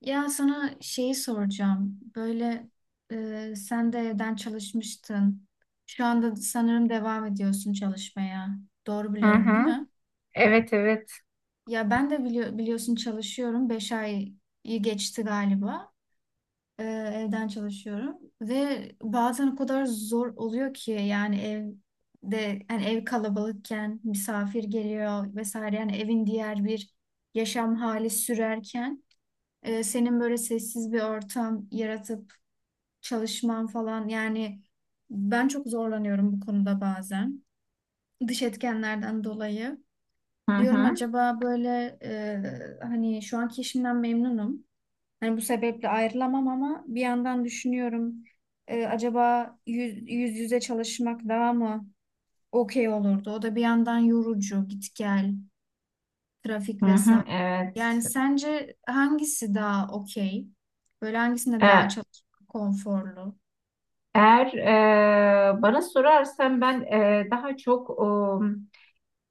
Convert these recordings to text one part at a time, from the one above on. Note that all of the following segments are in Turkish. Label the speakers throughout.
Speaker 1: Ya sana şeyi soracağım. Böyle sen de evden çalışmıştın. Şu anda sanırım devam ediyorsun çalışmaya. Doğru
Speaker 2: Hı
Speaker 1: biliyorum,
Speaker 2: hı.
Speaker 1: değil mi?
Speaker 2: Evet, evet.
Speaker 1: Ya ben de biliyorsun çalışıyorum. Beş ayı geçti galiba. Evden çalışıyorum. Ve bazen o kadar zor oluyor ki yani evde yani ev kalabalıkken misafir geliyor vesaire. Yani evin diğer bir yaşam hali sürerken senin böyle sessiz bir ortam yaratıp çalışmam falan yani ben çok zorlanıyorum bu konuda bazen. Dış etkenlerden dolayı.
Speaker 2: Hı
Speaker 1: Diyorum
Speaker 2: hı,
Speaker 1: acaba böyle hani şu anki işimden memnunum. Hani bu sebeple ayrılamam ama bir yandan düşünüyorum acaba yüz yüze çalışmak daha mı okey olurdu? O da bir yandan yorucu, git gel, trafik
Speaker 2: hı
Speaker 1: vesaire.
Speaker 2: hı, evet.
Speaker 1: Yani sence hangisi daha okey? Böyle hangisinde daha
Speaker 2: E,
Speaker 1: çalışmak konforlu?
Speaker 2: Eğer Bana sorarsan ben daha çok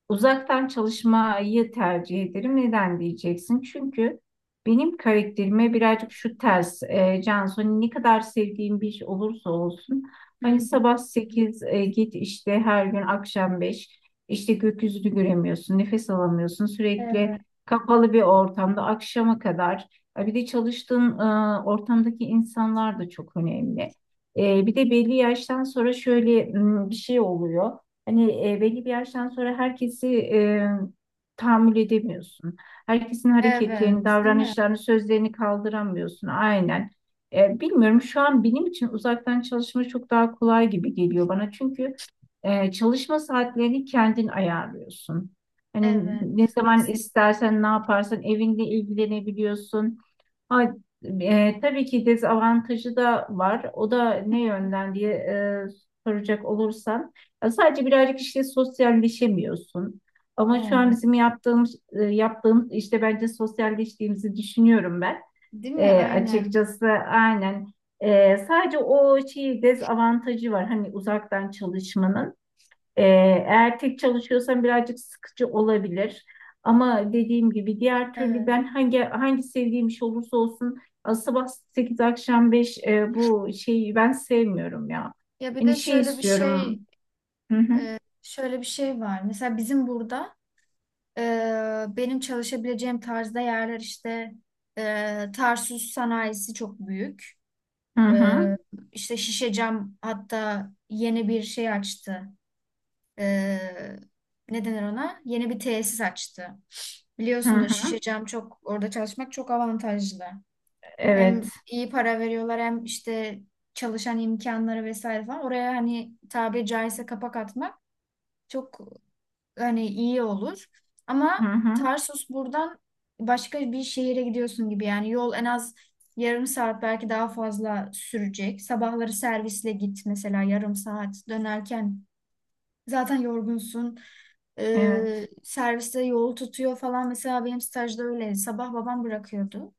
Speaker 2: uzaktan çalışmayı tercih ederim. Neden diyeceksin? Çünkü benim karakterime birazcık şu ters. Cansu, hani ne kadar sevdiğim bir iş olursa olsun.
Speaker 1: Hı
Speaker 2: Hani
Speaker 1: hı.
Speaker 2: sabah 8 git işte her gün akşam 5 işte, gökyüzünü göremiyorsun, nefes alamıyorsun.
Speaker 1: Evet.
Speaker 2: Sürekli kapalı bir ortamda akşama kadar. Bir de çalıştığın ortamdaki insanlar da çok önemli. Bir de belli yaştan sonra şöyle bir şey oluyor. Hani belli bir yaştan sonra herkesi, tahammül edemiyorsun. Herkesin hareketlerini,
Speaker 1: Evet, değil mi?
Speaker 2: davranışlarını, sözlerini kaldıramıyorsun. Aynen. Bilmiyorum, şu an benim için uzaktan çalışma çok daha kolay gibi geliyor bana. Çünkü çalışma saatlerini kendin ayarlıyorsun. Hani
Speaker 1: Evet,
Speaker 2: ne zaman
Speaker 1: kesin.
Speaker 2: istersen, ne yaparsan evinde ilgilenebiliyorsun. Ha, tabii ki dezavantajı da var. O da ne yönden diye soracak olursan, ya sadece birazcık işte sosyalleşemiyorsun. Ama şu an
Speaker 1: Evet.
Speaker 2: bizim yaptığımız işte bence sosyalleştiğimizi düşünüyorum ben.
Speaker 1: Değil mi? Aynen.
Speaker 2: Açıkçası aynen. Sadece o şey dezavantajı var. Hani uzaktan çalışmanın. Ee, Eğer tek çalışıyorsan birazcık sıkıcı olabilir. Ama dediğim gibi diğer türlü
Speaker 1: Evet.
Speaker 2: ben hangi sevdiğim iş olursa olsun, sabah 8 akşam beş, bu şeyi ben sevmiyorum ya.
Speaker 1: Ya bir
Speaker 2: Hani
Speaker 1: de
Speaker 2: şey
Speaker 1: şöyle bir şey,
Speaker 2: istiyorum. Hı hı,
Speaker 1: şöyle bir şey var. Mesela bizim burada e, benim çalışabileceğim tarzda yerler işte Tarsus sanayisi çok büyük.
Speaker 2: hı hı,
Speaker 1: E, işte Şişecam hatta yeni bir şey açtı. E, Ne denir ona? Yeni bir tesis açtı.
Speaker 2: hı,
Speaker 1: Biliyorsunuz
Speaker 2: hı.
Speaker 1: Şişecam çok orada çalışmak çok avantajlı.
Speaker 2: Evet.
Speaker 1: Hem iyi para veriyorlar hem işte çalışan imkanları vesaire falan. Oraya hani tabiri caizse kapak atmak çok hani iyi olur.
Speaker 2: Hı
Speaker 1: Ama
Speaker 2: hı.
Speaker 1: Tarsus buradan başka bir şehire gidiyorsun gibi yani yol en az yarım saat belki daha fazla sürecek. Sabahları servisle git mesela yarım saat dönerken zaten yorgunsun.
Speaker 2: Evet.
Speaker 1: Serviste yol tutuyor falan mesela benim stajda öyle sabah babam bırakıyordu.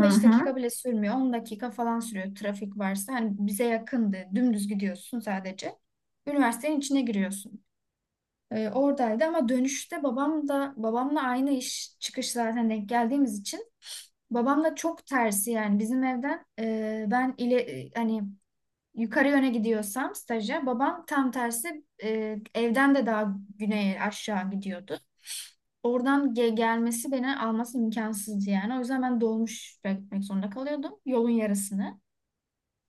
Speaker 2: Hı hı,
Speaker 1: dakika bile sürmüyor. 10 dakika falan sürüyor trafik varsa. Hani bize yakındı. Dümdüz gidiyorsun sadece. Üniversitenin içine giriyorsun. Oradaydı ama dönüşte babam da babamla aynı iş çıkış zaten denk geldiğimiz için babamla çok tersi yani bizim evden ben ile hani yukarı yöne gidiyorsam staja babam tam tersi evden de daha güneye aşağı gidiyordu. Oradan gelmesi beni alması imkansızdı yani. O yüzden ben dolmuş beklemek zorunda kalıyordum yolun yarısını.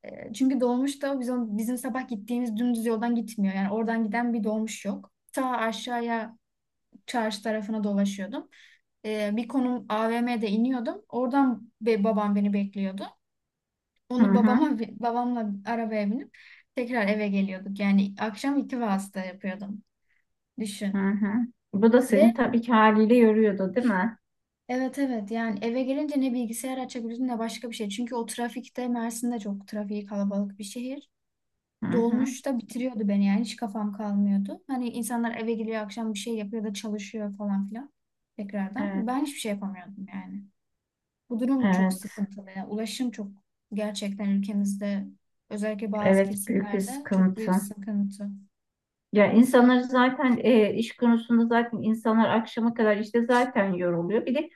Speaker 1: Çünkü dolmuş da bizim sabah gittiğimiz dümdüz yoldan gitmiyor. Yani oradan giden bir dolmuş yok. Ta aşağıya çarşı tarafına dolaşıyordum. Bir konum AVM'de iniyordum. Oradan babam beni bekliyordu. Onu
Speaker 2: hı
Speaker 1: babamla arabaya binip tekrar eve geliyorduk. Yani akşam iki vasıta yapıyordum.
Speaker 2: hı,
Speaker 1: Düşün.
Speaker 2: hı, hı. Bu da
Speaker 1: ve
Speaker 2: seni tabii ki haliyle yoruyordu, değil mi?
Speaker 1: Evet evet yani eve gelince ne bilgisayar açabiliyorsun ne başka bir şey. Çünkü o trafikte Mersin'de çok trafiği kalabalık bir şehir.
Speaker 2: Hı hı.
Speaker 1: Dolmuş da bitiriyordu beni yani hiç kafam kalmıyordu. Hani insanlar eve geliyor akşam bir şey yapıyor da çalışıyor falan filan tekrardan.
Speaker 2: Evet.
Speaker 1: Ben hiçbir şey yapamıyordum yani. Bu durum çok
Speaker 2: Evet.
Speaker 1: sıkıntılı. Yani ulaşım çok gerçekten ülkemizde özellikle bazı
Speaker 2: Evet, büyük bir
Speaker 1: kesimlerde çok
Speaker 2: sıkıntı.
Speaker 1: büyük sıkıntı.
Speaker 2: Ya, insanlar zaten iş konusunda zaten insanlar akşama kadar işte zaten yoruluyor. Bir de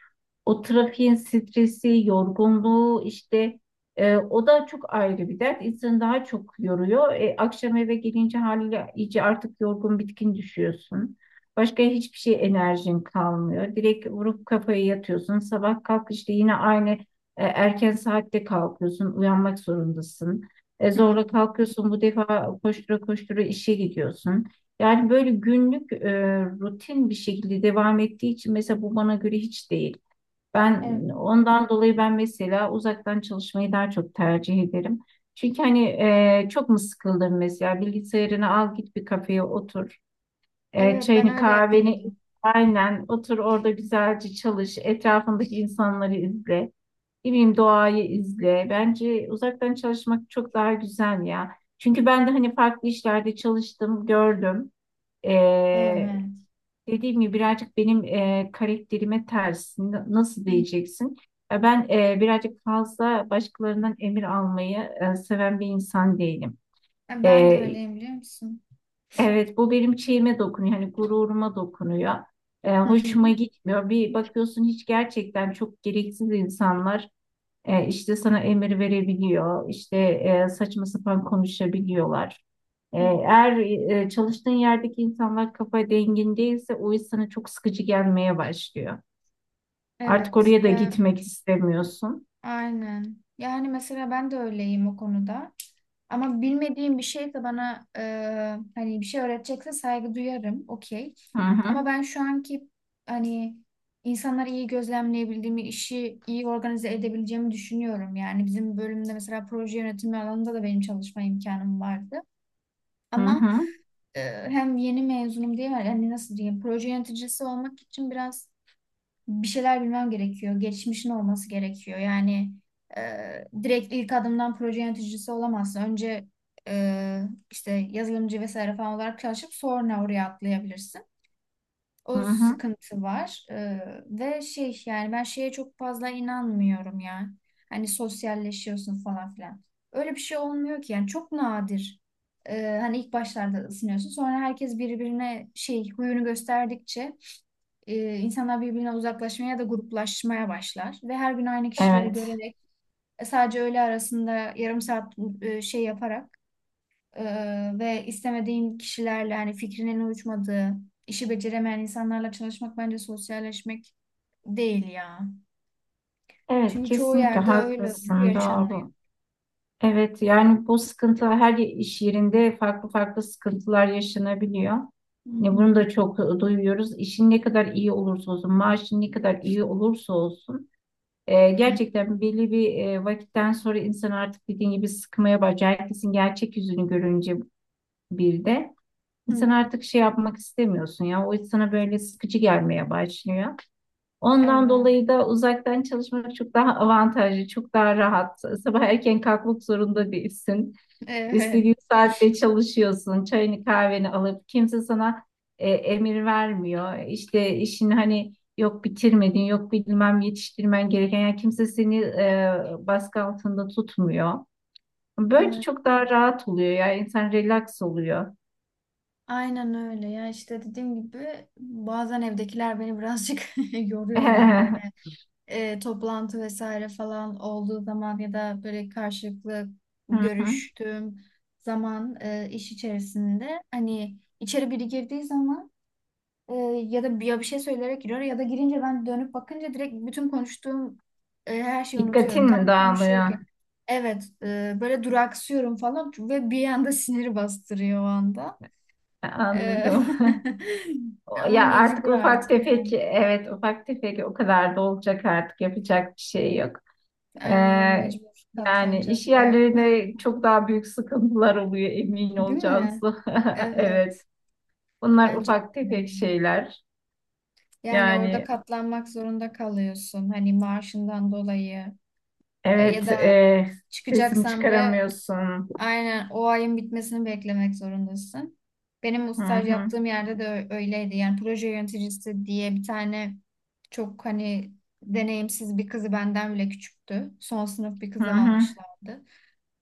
Speaker 2: o trafiğin stresi, yorgunluğu işte, o da çok ayrı bir dert. İnsanı daha çok yoruyor. Akşam eve gelince haliyle iyice artık yorgun bitkin düşüyorsun. Başka hiçbir şey, enerjin kalmıyor. Direkt vurup kafaya yatıyorsun. Sabah kalk işte yine aynı erken saatte kalkıyorsun. Uyanmak zorundasın.
Speaker 1: Hı.
Speaker 2: Zorla kalkıyorsun. Bu defa koştura koştura işe gidiyorsun. Yani böyle günlük rutin bir şekilde devam ettiği için mesela bu bana göre hiç değil. Ben
Speaker 1: Evet,
Speaker 2: ondan dolayı ben mesela uzaktan çalışmayı daha çok tercih ederim. Çünkü hani, çok mu sıkıldın, mesela bilgisayarını al, git bir kafeye otur.
Speaker 1: evet ben
Speaker 2: Çayını
Speaker 1: öyle
Speaker 2: kahveni
Speaker 1: yapıyordum.
Speaker 2: aynen otur orada, güzelce çalış. Etrafındaki insanları izle. Ne bileyim, doğayı izle. Bence uzaktan çalışmak çok daha güzel ya. Çünkü ben de hani farklı işlerde çalıştım, gördüm.
Speaker 1: Evet.
Speaker 2: Dediğim gibi birazcık benim karakterime ters. Nasıl
Speaker 1: Hı.
Speaker 2: diyeceksin? Ben birazcık fazla başkalarından emir almayı seven bir insan değilim. E,
Speaker 1: Ben de öyleyim biliyor musun?
Speaker 2: evet, bu benim şeyime dokunuyor. Hani gururuma dokunuyor.
Speaker 1: Hı
Speaker 2: Hoşuma
Speaker 1: hı.
Speaker 2: gitmiyor. Bir bakıyorsun, hiç gerçekten çok gereksiz insanlar işte sana emir verebiliyor. İşte saçma sapan konuşabiliyorlar. Eğer çalıştığın yerdeki insanlar kafa dengin değilse, o iş sana çok sıkıcı gelmeye başlıyor. Artık
Speaker 1: Evet
Speaker 2: oraya da
Speaker 1: ya
Speaker 2: gitmek istemiyorsun.
Speaker 1: aynen. Yani mesela ben de öyleyim o konuda. Ama bilmediğim bir şeyse bana hani bir şey öğretecekse saygı duyarım. Okey.
Speaker 2: Hı hı,
Speaker 1: Ama ben şu anki hani insanları iyi gözlemleyebildiğimi, işi iyi organize edebileceğimi düşünüyorum. Yani bizim bölümde mesela proje yönetimi alanında da benim çalışma imkanım vardı.
Speaker 2: hı
Speaker 1: Ama
Speaker 2: hı,
Speaker 1: e, hem yeni mezunum diye yani nasıl diyeyim proje yöneticisi olmak için biraz bir şeyler bilmem gerekiyor. Geçmişin olması gerekiyor. Yani e, direkt ilk adımdan proje yöneticisi olamazsın. Önce e, işte yazılımcı vesaire falan olarak çalışıp sonra oraya atlayabilirsin.
Speaker 2: hı
Speaker 1: O
Speaker 2: hı.
Speaker 1: sıkıntı var. Ve şey yani ben şeye çok fazla inanmıyorum ya. Hani sosyalleşiyorsun falan filan. Öyle bir şey olmuyor ki yani çok nadir. Hani ilk başlarda ısınıyorsun. Sonra herkes birbirine şey huyunu gösterdikçe insanlar birbirine uzaklaşmaya ya da gruplaşmaya başlar. Ve her gün aynı kişileri
Speaker 2: Evet,
Speaker 1: görerek sadece öğle arasında yarım saat şey yaparak ve istemediğin kişilerle hani fikrinin uyuşmadığı, işi beceremeyen insanlarla çalışmak bence sosyalleşmek değil ya.
Speaker 2: evet,
Speaker 1: Çünkü çoğu
Speaker 2: kesinlikle
Speaker 1: yerde öyle bu
Speaker 2: haklısın,
Speaker 1: yaşanıyor.
Speaker 2: doğru. Evet, yani bu sıkıntılar her iş yerinde farklı farklı sıkıntılar yaşanabiliyor.
Speaker 1: Hı
Speaker 2: Ne bunu
Speaker 1: hı.
Speaker 2: da çok duyuyoruz. İşin ne kadar iyi olursa olsun, maaşın ne kadar iyi olursa olsun.
Speaker 1: Hı
Speaker 2: Gerçekten belli bir vakitten sonra insan artık dediğin gibi sıkmaya başlıyor. Herkesin gerçek yüzünü görünce bir de insan
Speaker 1: hı.
Speaker 2: artık şey yapmak istemiyorsun ya. O sana böyle sıkıcı gelmeye başlıyor. Ondan
Speaker 1: Evet,
Speaker 2: dolayı da uzaktan çalışmak çok daha avantajlı, çok daha rahat. Sabah erken kalkmak zorunda değilsin.
Speaker 1: evet.
Speaker 2: İstediğin saatte çalışıyorsun, çayını kahveni alıp kimse sana emir vermiyor. İşte işini hani yok bitirmedin, yok bilmem yetiştirmen gereken, yani kimse seni baskı altında tutmuyor. Böyle
Speaker 1: Ay-
Speaker 2: çok daha rahat oluyor ya, insan relax oluyor.
Speaker 1: Aynen öyle ya işte dediğim gibi bazen evdekiler beni birazcık yoruyorlar
Speaker 2: Hı
Speaker 1: böyle toplantı vesaire falan olduğu zaman ya da böyle karşılıklı
Speaker 2: hı.
Speaker 1: görüştüğüm zaman iş içerisinde hani içeri biri girdiği zaman e, ya da ya bir şey söyleyerek giriyor ya da girince ben dönüp bakınca direkt bütün konuştuğum her şeyi unutuyorum.
Speaker 2: Dikkatin mi
Speaker 1: Tam
Speaker 2: dağılıyor?
Speaker 1: konuşuyorken. Evet, böyle duraksıyorum falan ve bir anda siniri bastırıyor o anda. E,
Speaker 2: Anladım.
Speaker 1: ama
Speaker 2: Ya artık
Speaker 1: mecbur
Speaker 2: ufak
Speaker 1: artık
Speaker 2: tefek,
Speaker 1: yani.
Speaker 2: evet ufak tefek, o kadar da olacak, artık yapacak bir şey yok. Ee,
Speaker 1: Aynen mecbur
Speaker 2: Yani iş
Speaker 1: katlanacağız galiba.
Speaker 2: yerlerinde çok daha büyük sıkıntılar oluyor, emin
Speaker 1: Değil
Speaker 2: olacağız.
Speaker 1: mi?
Speaker 2: Evet.
Speaker 1: Evet,
Speaker 2: Bunlar
Speaker 1: bence
Speaker 2: ufak
Speaker 1: de.
Speaker 2: tefek şeyler.
Speaker 1: Yani orada
Speaker 2: Yani
Speaker 1: katlanmak zorunda kalıyorsun. Hani maaşından dolayı. Ya
Speaker 2: evet,
Speaker 1: da
Speaker 2: sesini
Speaker 1: çıkacaksan bile
Speaker 2: çıkaramıyorsun.
Speaker 1: aynen o ayın bitmesini beklemek zorundasın. Benim bu
Speaker 2: Hı
Speaker 1: staj
Speaker 2: hı,
Speaker 1: yaptığım yerde de öyleydi. Yani proje yöneticisi diye bir tane çok hani deneyimsiz bir kızı benden bile küçüktü. Son sınıf bir
Speaker 2: hı
Speaker 1: kızı
Speaker 2: hı.
Speaker 1: almışlardı.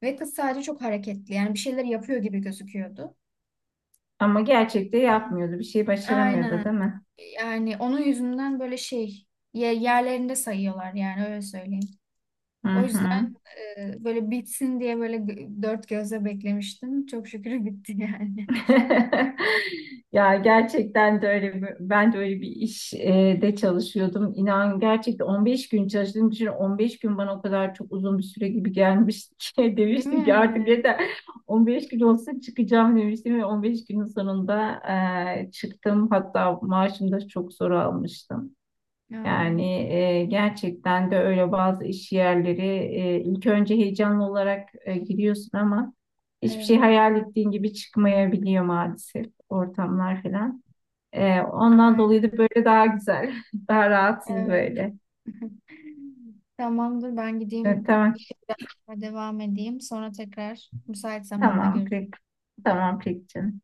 Speaker 1: Ve kız sadece çok hareketli. Yani bir şeyler yapıyor gibi gözüküyordu.
Speaker 2: Ama gerçekte yapmıyordu. Bir şey başaramıyordu,
Speaker 1: Aynen.
Speaker 2: değil mi?
Speaker 1: Yani onun yüzünden böyle şey yerlerinde sayıyorlar yani öyle söyleyeyim.
Speaker 2: Hı
Speaker 1: O
Speaker 2: hı.
Speaker 1: yüzden böyle bitsin diye böyle dört gözle beklemiştim. Çok şükür bitti yani.
Speaker 2: Ya, gerçekten de öyle ben de öyle bir iş de çalışıyordum. İnan gerçekten 15 gün çalıştığım için, 15 gün bana o kadar çok uzun bir süre gibi gelmişti ki
Speaker 1: Değil
Speaker 2: demiştim ki artık
Speaker 1: mi?
Speaker 2: yeter, 15 gün olsa çıkacağım demiştim ve 15 günün sonunda çıktım. Hatta maaşımı da çok zor almıştım.
Speaker 1: Ya,
Speaker 2: Yani gerçekten de öyle, bazı iş yerleri ilk önce heyecanlı olarak giriyorsun ama hiçbir şey
Speaker 1: evet.
Speaker 2: hayal ettiğin gibi çıkmayabiliyor, maalesef ortamlar falan. Ondan dolayı
Speaker 1: Aynen.
Speaker 2: da böyle daha güzel, daha rahatsız
Speaker 1: Evet.
Speaker 2: böyle.
Speaker 1: Tamamdır ben gideyim
Speaker 2: Tamam,
Speaker 1: işe devam edeyim. Sonra tekrar müsait zamanda
Speaker 2: tamam
Speaker 1: görüşürüz.
Speaker 2: peki, tamam peki canım.